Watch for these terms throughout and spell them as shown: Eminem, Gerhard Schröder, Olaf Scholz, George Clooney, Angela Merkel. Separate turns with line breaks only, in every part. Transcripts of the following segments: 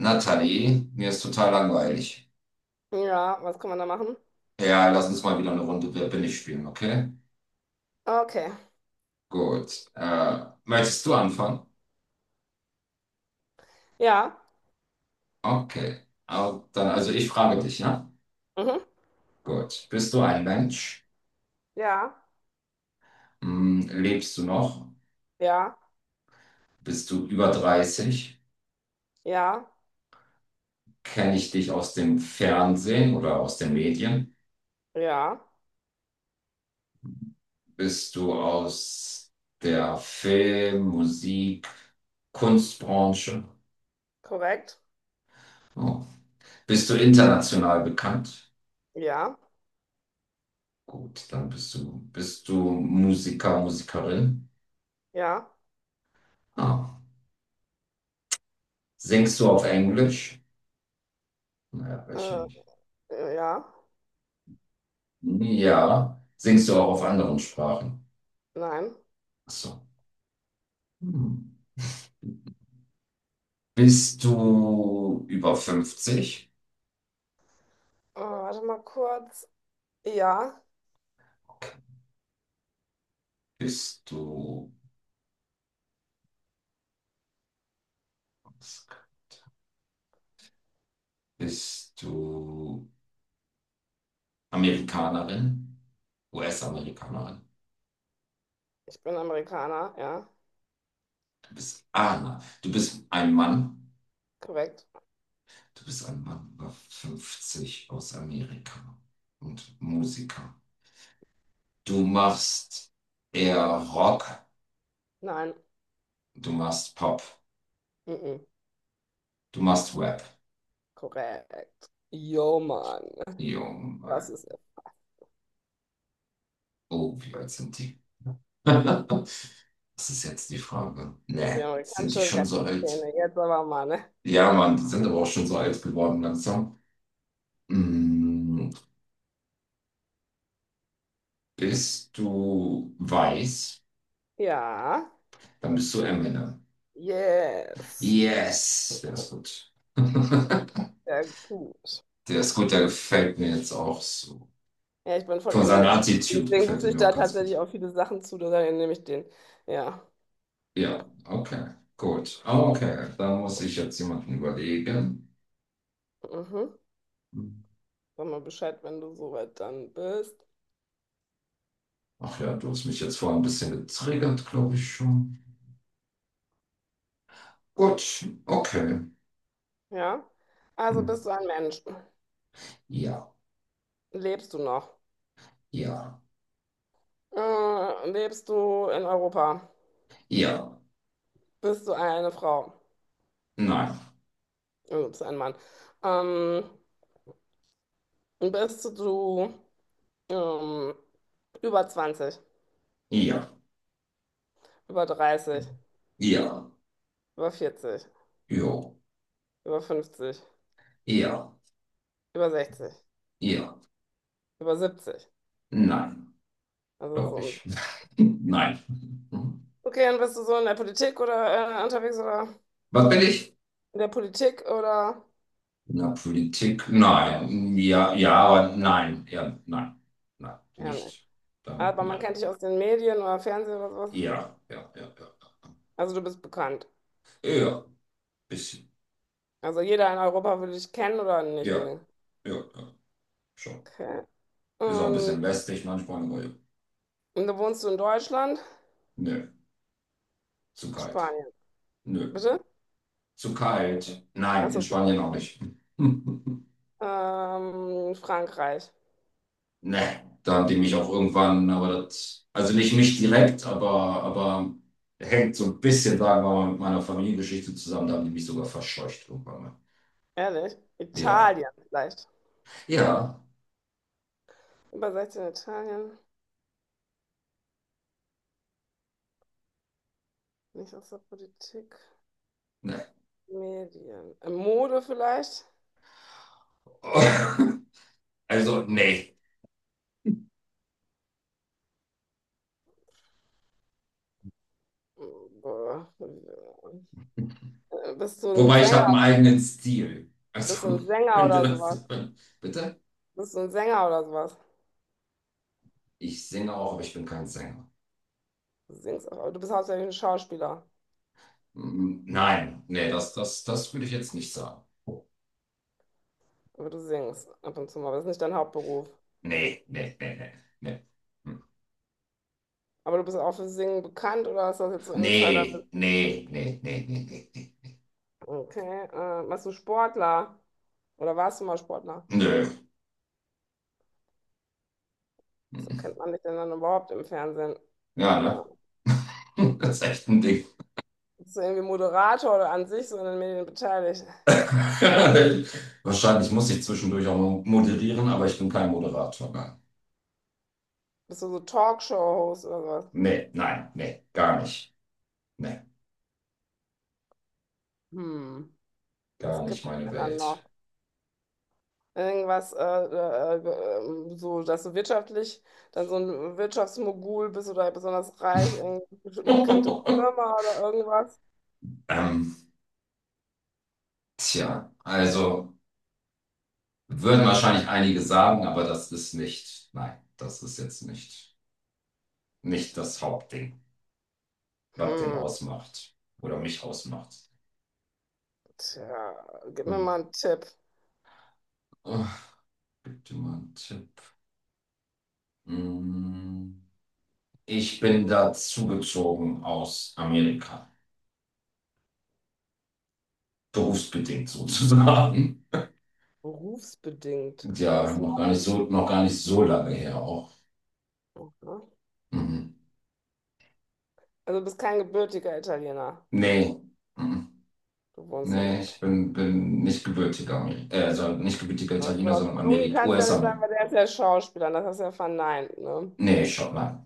Nathalie, mir ist total langweilig.
Ja, was kann man da machen?
Ja, lass uns mal wieder eine Runde Wer bin ich spielen, okay?
Okay.
Gut. Möchtest du anfangen?
Ja.
Okay. Au, dann, also ich frage dich, ja?
Mhm.
Gut. Bist du ein Mensch?
Ja.
Hm, lebst du noch?
Ja.
Bist du über 30?
Ja.
Kenne ich dich aus dem Fernsehen oder aus den Medien?
Ja.
Bist du aus der Film-, Musik-, Kunstbranche?
Korrekt.
Oh. Bist du international bekannt?
Ja.
Gut, dann bist du Musiker, Musikerin.
Ja.
Ah. Singst du auf Englisch? Naja, welche
Äh,
nicht?
ja.
Ja. Singst du auch auf anderen Sprachen?
Nein.
Ach so. Hm. Bist du über fünfzig?
Oh, warte mal kurz. Ja.
Okay. Bist du, bist du Amerikanerin? US-Amerikanerin?
Ich bin Amerikaner. Ja.
Du bist, ah, na, du bist ein Mann.
Korrekt.
Du bist ein Mann über 50 aus Amerika und Musiker. Du machst eher Rock,
Nein.
du machst Pop,
Mhm.
du machst Rap.
Korrekt. Yo, Mann.
Junge,
Das ist
oh, wie alt sind die? Das ist jetzt die Frage.
die
Nee, sind die
amerikanische
schon so alt?
Rap-Szene. Jetzt aber mal, ne?
Ja,
Ja.
Mann, die sind aber auch schon so alt geworden langsam. Mm, Bist du weiß?
Ja.
Dann bist du Eminem.
Yes.
Yes, der ist gut.
Sehr gut.
Der ist gut, der gefällt mir jetzt auch so.
Ja, ich bin von
Von seiner
Eminem.
Attitude
Deswegen
gefällt
wusste
er
ich
mir auch
da
ganz
tatsächlich
gut.
auch viele Sachen zu, daher nehme ich den. Ja.
Ja, okay, gut. Okay, da muss ich jetzt jemanden überlegen.
Mhm. Sag mal Bescheid, wenn du soweit dann bist.
Ach ja, du hast mich jetzt vorhin ein bisschen getriggert, glaube ich schon. Gut, okay.
Ja. Also
Hm.
bist du ein Mensch.
Ja,
Lebst du noch?
ja,
Lebst du in Europa?
ja,
Bist du eine Frau?
nein,
Also bist du ein Mann. Ähm, bist du ähm, über zwanzig,
ja,
über dreißig,
ja,
über vierzig,
jo,
über fünfzig,
ja,
über sechzig,
ja,
über siebzig.
nein,
Also so
glaube
um.
ich. Nein. Hm.
Okay, und bist du so in der Politik oder unterwegs oder
Was bin ich?
in der Politik oder
Na, Politik, nein. Ja, ja, aber nein, ja, nein, nein,
ja nicht.
nicht. Damit
Aber man
nein.
kennt dich aus den Medien oder Fernsehen oder sowas.
Ja, ja, ja, ja.
Also du bist bekannt.
Ja, bisschen.
Also jeder in Europa will dich kennen oder nicht
Ja,
unbedingt.
ja, ja, schon.
Okay.
Ist auch ein
Und,
bisschen lästig manchmal, aber ja.
und da wohnst du in Deutschland?
Nö, zu kalt.
Spanien.
Nö,
Bitte?
zu kalt. Nein, in
Achso.
Spanien auch nicht.
Frankreich.
Ne, da haben die mich auch irgendwann, aber das, also nicht mich direkt, aber hängt so ein bisschen, sagen wir mal, mit meiner Familiengeschichte zusammen, da haben die mich sogar verscheucht irgendwann mal.
Ehrlich?
Ja,
Italien vielleicht.
ja,
Über 16 Italien. Nicht aus der Politik.
ne.
Medien. Mode vielleicht?
Also, nee.
Boah. Bist du ein
Wobei ich
Sänger?
habe einen eigenen Stil.
Bist du
Also,
ein Sänger
wenn dir
oder
das.
sowas?
So, bitte?
Bist du ein Sänger oder sowas?
Ich singe auch, aber ich bin kein Sänger.
Du singst auch, aber du bist hauptsächlich ein Schauspieler,
Nein, nee, das würde ich jetzt nicht sagen.
aber du singst ab und zu mal. Aber das ist nicht dein Hauptberuf.
Nee, nee, nee, nee, nee. Hm.
Aber du bist auch für Singen bekannt oder ist das jetzt so Insider?
Nee, nee, nee, nee, nee, nee.
Okay. Warst du Sportler? Oder warst du mal Sportler?
Nee. Nö.
So kennt
Mm.
man dich denn dann überhaupt im Fernsehen.
Ja, ne?
Ah.
Das ist echt ein Ding.
Bist du irgendwie Moderator oder an sich so in den Medien beteiligt?
Wahrscheinlich muss ich zwischendurch auch mal moderieren, aber ich bin kein Moderator. Nein.
Bist du so Talkshow-Host oder sowas?
Nee, nein, nee, gar nicht. Nee,
Hm,
gar
was
nicht
gibt's
meine
denn dann
Welt.
noch? Irgendwas, so, dass du wirtschaftlich dann so ein Wirtschaftsmogul bist oder besonders reich, irgendeine bekannte Firma oder irgendwas?
Ähm, tja, also. Würden wahrscheinlich einige sagen, aber das ist nicht, nein, das ist jetzt nicht das Hauptding, was den
Hm,
ausmacht oder mich ausmacht.
tja, gib mir
Hm.
mal einen Tipp.
Oh, bitte mal einen Tipp. Hm. Ich bin da zugezogen aus Amerika, berufsbedingt sozusagen.
Berufsbedingt.
Ja,
Bist du Maffi?
noch gar nicht so lange her auch.
Mhm.
Mhm.
Also du bist kein gebürtiger Italiener.
Nee, mhm.
Du wohnst in
Nee,
UK.
ich bin nicht gebürtiger, also nicht gebürtiger
Aber
Italiener,
George
sondern
Clooney
Amerik
kannst du ja nicht sagen,
US-Amerikaner.
weil der ist ja Schauspieler und das hast du ja verneint, ne?
Nee, Schottland.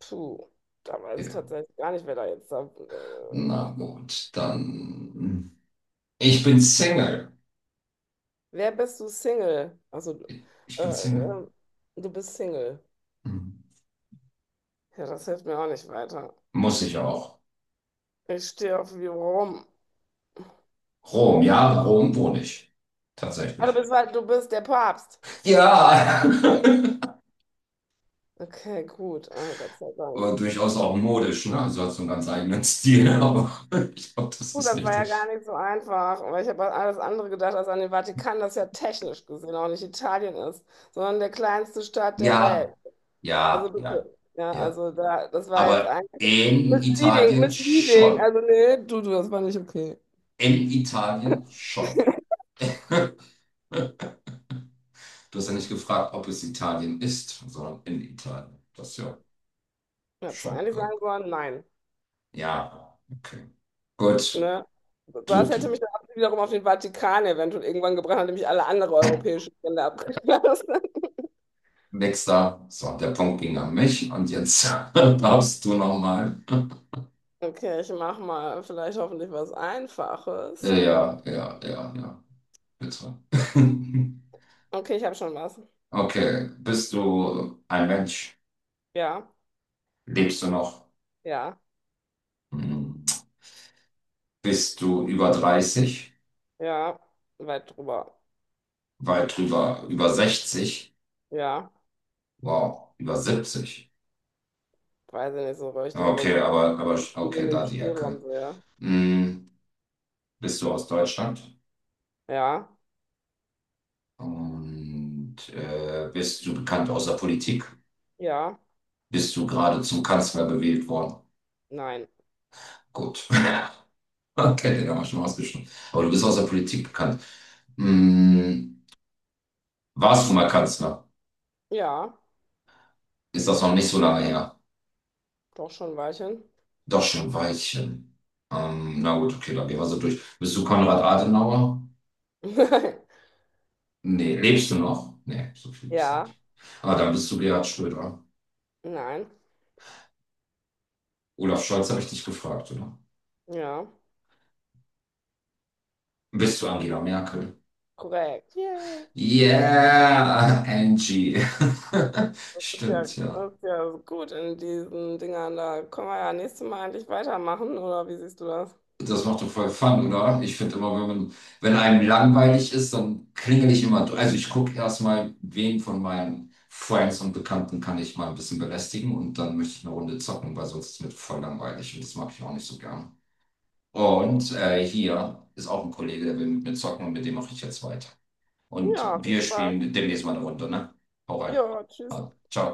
Puh, da weiß ich
Ja.
tatsächlich gar nicht, wer da jetzt da, äh,
Na gut, dann. Ich bin Single.
wer bist du Single? Also,
Ich
äh,
bin Single.
äh, du bist Single.
Mhm.
Ja, das hilft mir auch nicht weiter.
Muss ich auch.
Ich stehe auf wie rum.
Rom, ja, Rom wohne ich.
Ah,
Tatsächlich.
du bist der Papst. Nein.
Ja,
Okay, gut. Ah, Gott sei Dank.
aber durchaus auch modisch, ne? Also hat so einen ganz eigenen Stil, aber ich glaube, das
Gut,
ist
das
nicht
war
so.
ja gar nicht so einfach, weil ich habe an alles andere gedacht, als an den Vatikan, das ja technisch gesehen auch nicht Italien ist, sondern der kleinste Staat der Welt.
Ja,
Also
ja, ja,
bitte. Ja,
ja.
also da, das war jetzt
Aber
eigentlich
in
misleading,
Italien
misleading.
schon.
Also nee, du, das war nicht okay.
In Italien schon. Du hast ja nicht gefragt, ob es Italien ist, sondern in Italien. Das ist ja
Hättest du
schon
eigentlich sagen
irgendwie.
sollen, nein.
Ja, okay. Gut.
Ne?
Du,
Was hätte mich
du.
dann wiederum auf den Vatikan eventuell irgendwann gebracht, nachdem ich alle anderen europäischen Länder abgeschlossen habe.
Nächster. So, der Punkt ging an mich und jetzt darfst du nochmal.
Okay, ich mache mal vielleicht hoffentlich was
Ja,
Einfaches. Hm.
ja, ja, ja, ja. Bitte.
Okay, ich habe schon was.
Okay. Bist du ein Mensch?
Ja,
Lebst du noch?
ja,
Hm. Bist du über 30?
ja, weit drüber.
Weit drüber, über 60?
Ja,
Wow, über 70?
weiß ich nicht so richtig, aber
Okay,
so in
okay,
dem
da die
Spielraum
Ecke.
sehr.
Hm, bist du aus Deutschland?
Ja,
Und bist du bekannt aus der Politik?
ja,
Bist du gerade zum Kanzler gewählt worden?
nein.
Gut. Okay, den haben wir schon ausgeschlossen. Aber du bist aus der Politik bekannt. Hm, warst du mal Kanzler?
Ja,
Ist das noch nicht so lange her?
doch schon ein Weilchen.
Doch schon ein Weilchen. Na gut, okay, dann gehen wir so durch. Bist du Konrad Adenauer? Nee, lebst du noch? Nee, so viel gibt's da
Ja,
nicht. Ah, dann bist du Gerhard Schröder.
nein.
Olaf Scholz habe ich dich gefragt, oder?
Ja,
Bist du Angela Merkel?
korrekt. Yay.
Yeah, Angie. Stimmt, ja.
Das ist ja gut in diesen Dingern. Da können wir ja nächstes Mal endlich weitermachen, oder wie siehst du das?
Das macht doch voll Fun, oder? Ich finde immer, wenn einem langweilig ist, dann klingel ich immer durch. Also ich gucke erstmal, wen von meinen Friends und Bekannten kann ich mal ein bisschen belästigen, und dann möchte ich eine Runde zocken, weil sonst ist mir voll langweilig und das mag ich auch nicht so gern. Und hier ist auch ein Kollege, der will mit mir zocken, und mit dem mache ich jetzt weiter. Und
Ja, viel
wir
Spaß.
spielen demnächst mal eine Runde, ne? Hau rein.
Ja, tschüss.
Also, ciao.